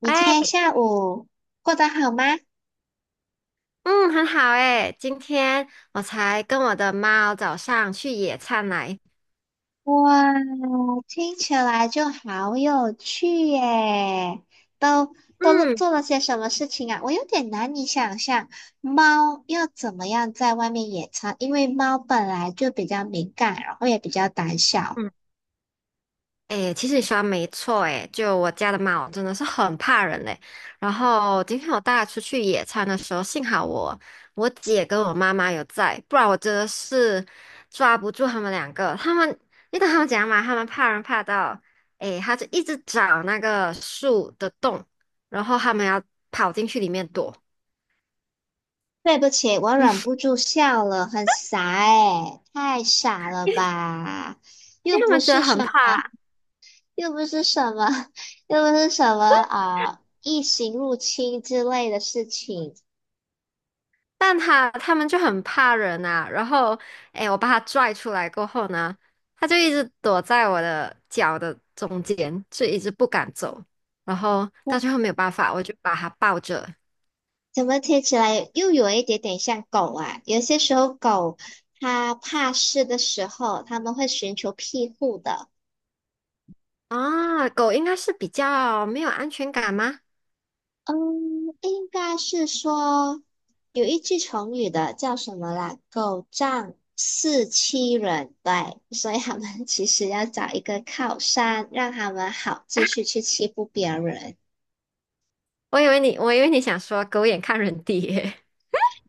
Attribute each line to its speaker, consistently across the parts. Speaker 1: 你今
Speaker 2: 哎，
Speaker 1: 天下午过得好吗？
Speaker 2: 嗯，很好哎，今天我才跟我的猫早上去野餐来。
Speaker 1: 哇，听起来就好有趣耶！都都
Speaker 2: 嗯
Speaker 1: 做了些什么事情啊？我有点难以想象，猫要怎么样在外面野餐，因为猫本来就比较敏感，然后也比较胆小。
Speaker 2: 嗯，哎，其实你说的没错哎，就我家的猫真的是很怕人嘞。然后今天我带它出去野餐的时候，幸好我姐跟我妈妈有在，不然我真的是抓不住他们两个。他们，你懂他们讲嘛？他们怕人怕到，哎，他就一直找那个树的洞，然后他们要跑进去里面躲，
Speaker 1: 对不起，我忍不住笑了，很傻诶，太傻了吧？又
Speaker 2: 因为他
Speaker 1: 不
Speaker 2: 们真的
Speaker 1: 是什
Speaker 2: 很怕。
Speaker 1: 又不是什么，又不是什么啊，异形入侵之类的事情。
Speaker 2: 但他们就很怕人啊，然后，哎，我把他拽出来过后呢，他就一直躲在我的脚的中间，就一直不敢走，然后到
Speaker 1: 那
Speaker 2: 最后没有办法，我就把它抱着。
Speaker 1: 怎么听起来又有一点点像狗啊？有些时候狗它怕事的时候，它们会寻求庇护的。
Speaker 2: 啊，狗应该是比较没有安全感吗？
Speaker 1: 嗯，应该是说有一句成语的叫什么啦？狗仗势欺人，对，所以他们 其实要找一个靠山，让他们好继续去欺负别人。
Speaker 2: 我以为你想说狗眼看人低耶。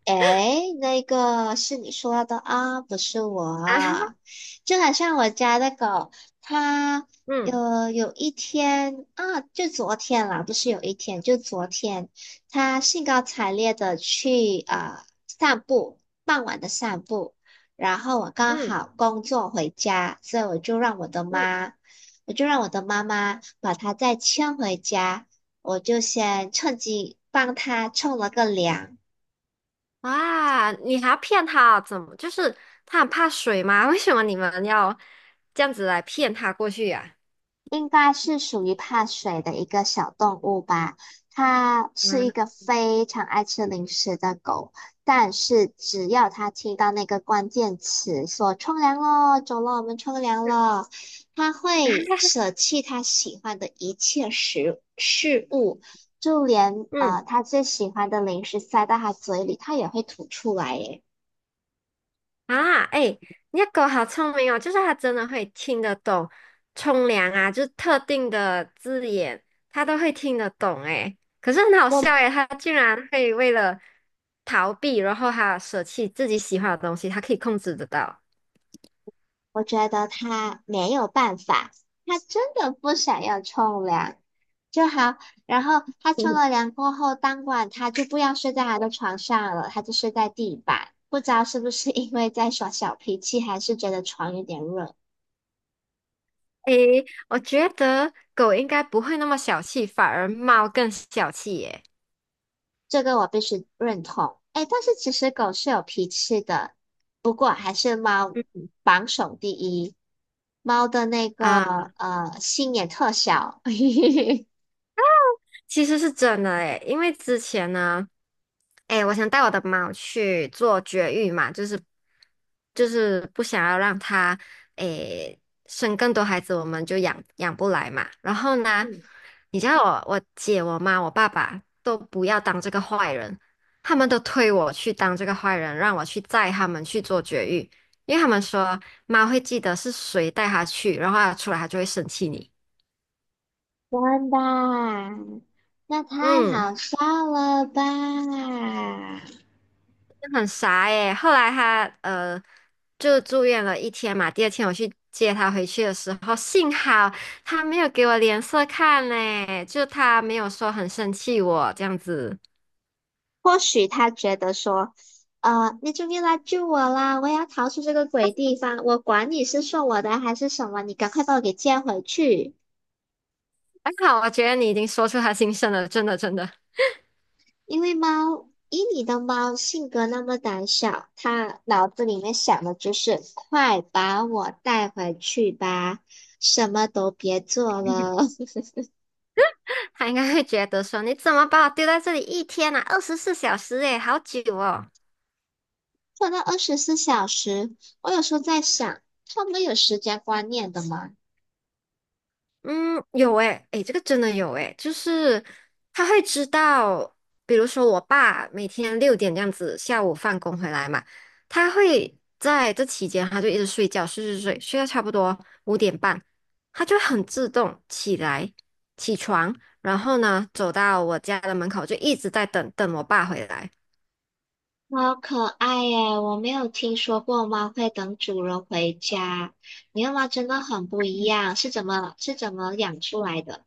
Speaker 1: 哎，那个是你说的啊，不是我
Speaker 2: 啊，
Speaker 1: 啊。就好像我家的狗，它
Speaker 2: 嗯
Speaker 1: 有一天啊，就昨天啦，不是有一天，就昨天，它兴高采烈的去啊、散步，傍晚的散步。然后我刚
Speaker 2: 嗯
Speaker 1: 好工作回家，所以
Speaker 2: 嗯，
Speaker 1: 我就让我的妈妈把它再牵回家，我就先趁机帮它冲了个凉。
Speaker 2: 哇，你还要骗他？怎么？就是他很怕水吗？为什么你们要这样子来骗他过去呀、
Speaker 1: 应该是属于怕水的一个小动物吧。它
Speaker 2: 啊？
Speaker 1: 是一 个
Speaker 2: 嗯
Speaker 1: 非常爱吃零食的狗，但是只要它听到那个关键词说“冲凉咯，走了，我们冲凉了”，它会舍弃它喜欢的一切食事物，就连
Speaker 2: 嗯
Speaker 1: 它最喜欢的零食塞到它嘴里，它也会吐出来耶。
Speaker 2: 啊，哎，你的狗好聪明哦，就是它真的会听得懂冲凉啊，就是特定的字眼，它都会听得懂哎。可是很好
Speaker 1: 我
Speaker 2: 笑哎，它竟然会为了逃避，然后它舍弃自己喜欢的东西，它可以控制得到。
Speaker 1: 我觉得他没有办法，他真的不想要冲凉就好。然后他冲了 凉过后，当晚他就不要睡在他的床上了，他就睡在地板。不知道是不是因为在耍小脾气，还是觉得床有点热，
Speaker 2: 诶，我觉得狗应该不会那么小气，反而猫更小气耶。
Speaker 1: 这个我必须认同。哎，但是其实狗是有脾气的，不过还是猫
Speaker 2: 嗯
Speaker 1: 榜首第一，猫的那个
Speaker 2: 啊。
Speaker 1: 心也特小。
Speaker 2: 其实是真的诶，因为之前呢，诶，我想带我的猫去做绝育嘛，就是不想要让它诶生更多孩子，我们就养不来嘛。然后呢，
Speaker 1: 嗯，
Speaker 2: 你知道我姐、我妈、我爸爸都不要当这个坏人，他们都推我去当这个坏人，让我去载他们去做绝育，因为他们说猫会记得是谁带它去，然后它出来它就会生气你。
Speaker 1: 真的啊？那太
Speaker 2: 嗯。
Speaker 1: 好笑了吧？
Speaker 2: 很傻耶。后来他就住院了一天嘛，第二天我去接他回去的时候，幸好他没有给我脸色看嘞，就他没有说很生气我这样子。
Speaker 1: 或许他觉得说，你终于来救我啦，我要逃出这个鬼地方，我管你是送我的还是什么，你赶快把我给接回去。
Speaker 2: 还好，我觉得你已经说出他心声了，真的真的，
Speaker 1: 因为猫，以你的猫性格那么胆小，它脑子里面想的就是快把我带回去吧，什么都别做了。
Speaker 2: 他应该会觉得说你怎么把我丢在这里一天啊，24小时诶，好久哦。
Speaker 1: 放到24小时，我有时候在想，他们有时间观念的吗？
Speaker 2: 嗯，有诶，诶，这个真的有诶，就是他会知道，比如说我爸每天6点这样子下午放工回来嘛，他会在这期间他就一直睡觉，睡睡睡，睡到差不多5点半，他就很自动起来起床，然后呢走到我家的门口就一直在等我爸回来。
Speaker 1: 好可爱耶！我没有听说过猫会等主人回家，你的猫真的很不一样，是怎么养出来的？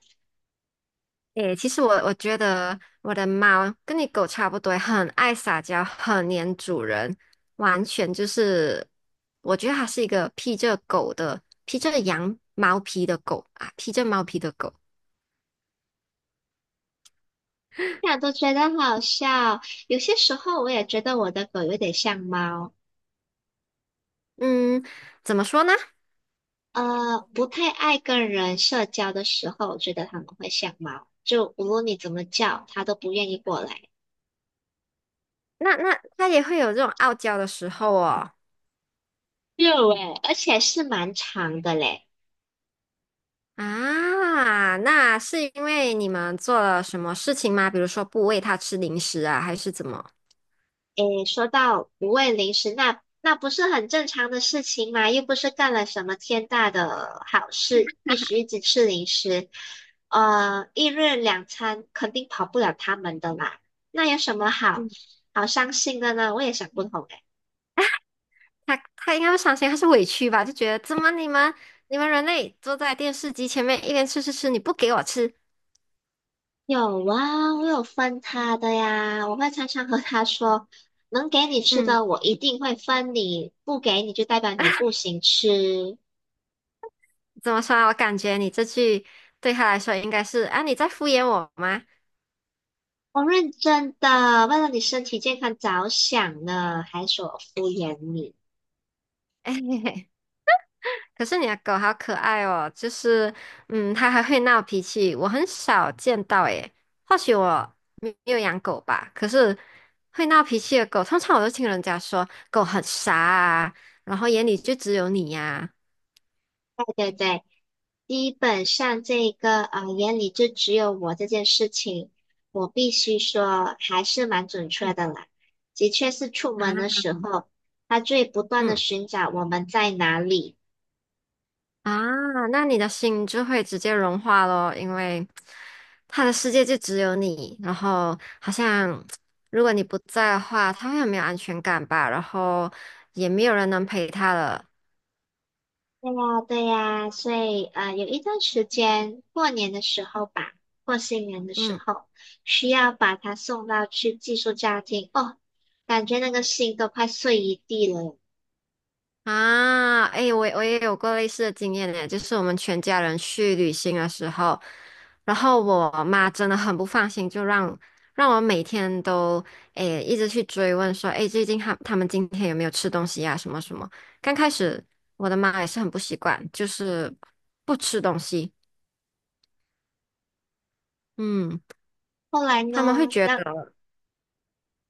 Speaker 2: 诶，其实我觉得我的猫跟你狗差不多，很爱撒娇，很黏主人，完全就是，我觉得它是一个披着狗的，披着羊毛皮的狗啊，披着毛皮的狗。
Speaker 1: 想都觉得好笑。有些时候我也觉得我的狗有点像猫，
Speaker 2: 嗯，怎么说呢？
Speaker 1: 不太爱跟人社交的时候，我觉得它们会像猫，就无论你怎么叫，它都不愿意过来。
Speaker 2: 那它也会有这种傲娇的时候哦。
Speaker 1: 有诶，而且是蛮长的嘞。
Speaker 2: 啊，那是因为你们做了什么事情吗？比如说不喂它吃零食啊，还是怎么？
Speaker 1: 诶，说到不喂零食，那不是很正常的事情嘛？又不是干了什么天大的好事，必须一直吃零食。一日两餐肯定跑不了他们的啦。那有什么好伤心的呢？我也想不通诶。
Speaker 2: 他应该不伤心，他是委屈吧？就觉得怎么你们人类坐在电视机前面一边吃吃吃，你不给我吃，
Speaker 1: 有啊，我有分他的呀，我会常常和他说，能给你吃
Speaker 2: 嗯，
Speaker 1: 的我一定会分你，不给你就代表你不行吃。
Speaker 2: 怎么说啊？我感觉你这句对他来说应该是啊，你在敷衍我吗？
Speaker 1: 我认真的，为了你身体健康着想呢，还说我敷衍你，
Speaker 2: 哎，可是你的狗好可爱哦，就是嗯，它还会闹脾气，我很少见到诶。或许我没有养狗吧，可是会闹脾气的狗，通常我都听人家说狗很傻啊，然后眼里就只有你呀、
Speaker 1: 对不对？基本上这个眼里就只有我这件事情，我必须说还是蛮准确的啦。的确是出
Speaker 2: 啊。
Speaker 1: 门的
Speaker 2: 啊
Speaker 1: 时候，他最不断的
Speaker 2: 嗯。
Speaker 1: 寻找我们在哪里。
Speaker 2: 啊，那你的心就会直接融化咯，因为他的世界就只有你，然后好像如果你不在的话，他会很没有安全感吧，然后也没有人能陪他了。
Speaker 1: 对呀，对呀，所以有一段时间，过年的时候吧，过新年的时
Speaker 2: 嗯。
Speaker 1: 候，需要把它送到去寄宿家庭哦，感觉那个心都快碎一地了。
Speaker 2: 啊，哎，我也有过类似的经验呢，就是我们全家人去旅行的时候，然后我妈真的很不放心，就让我每天都一直去追问说，哎，最近他们今天有没有吃东西呀、什么什么。刚开始我的妈也是很不习惯，就是不吃东西，嗯，
Speaker 1: 后来
Speaker 2: 他们会
Speaker 1: 呢，
Speaker 2: 觉
Speaker 1: 那
Speaker 2: 得。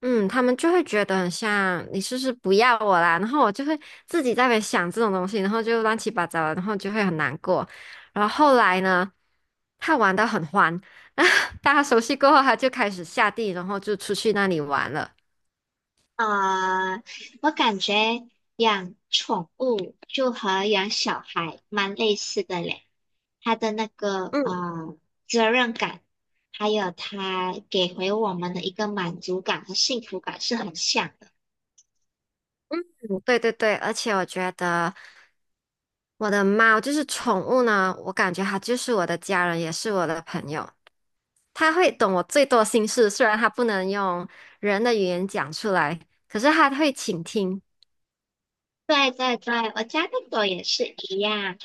Speaker 2: 嗯，他们就会觉得很像你是不是不要我啦，然后我就会自己在那边想这种东西，然后就乱七八糟的，然后就会很难过。然后后来呢，他玩得很欢，大家熟悉过后，他就开始下地，然后就出去那里玩了。
Speaker 1: 呃，我感觉养宠物就和养小孩蛮类似的嘞，它的那个
Speaker 2: 嗯，
Speaker 1: 责任感，还有它给回我们的一个满足感和幸福感是很像。的。
Speaker 2: 嗯对对对，而且我觉得我的猫就是宠物呢，我感觉它就是我的家人，也是我的朋友，它会懂我最多心事，虽然它不能用人的语言讲出来，可是它会倾听。
Speaker 1: 对对对，我家的狗也是一样。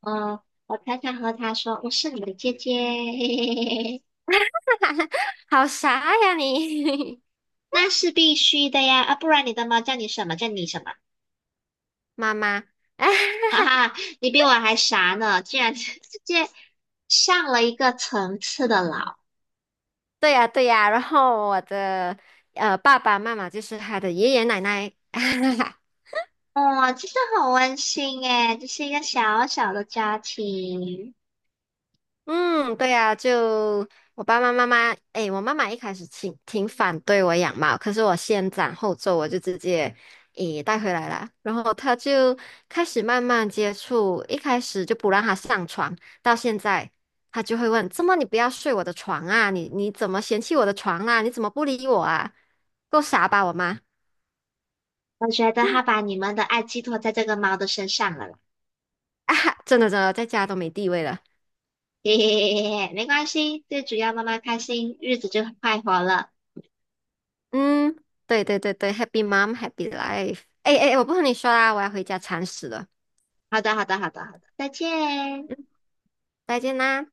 Speaker 1: 嗯，我常常和它说我是你的姐姐，嘿嘿嘿嘿嘿，
Speaker 2: 好傻呀你，
Speaker 1: 那是必须的呀，啊，不然你的猫叫你什么？叫你什么？
Speaker 2: 妈妈。哎，
Speaker 1: 哈哈，你比我还傻呢，竟然 直接上了一个层次的老。
Speaker 2: 对呀对呀，然后我的爸爸妈妈就是他的爷爷奶奶。
Speaker 1: 哦，真的很温馨诶，这是一个小小的家庭。
Speaker 2: 嗯，对呀，就我爸爸妈妈，诶，我妈妈一开始挺反对我养猫，可是我先斩后奏，我就直接带回来了。然后她就开始慢慢接触，一开始就不让她上床，到现在她就会问："怎么你不要睡我的床啊？你怎么嫌弃我的床啊？你怎么不理我啊？够傻吧，我妈
Speaker 1: 我觉得它把你们的爱寄托在这个猫的身上了啦。
Speaker 2: 啊！真的真的，在家都没地位了。"
Speaker 1: 嘿 嘿嘿嘿嘿，没关系，最主要妈妈开心，日子就快活了。
Speaker 2: 嗯，对对对对，Happy Mom Happy Life。诶诶，诶我不和你说啦，我要回家铲屎了。
Speaker 1: 好的，好的，好的，好的，再见。
Speaker 2: 再见啦。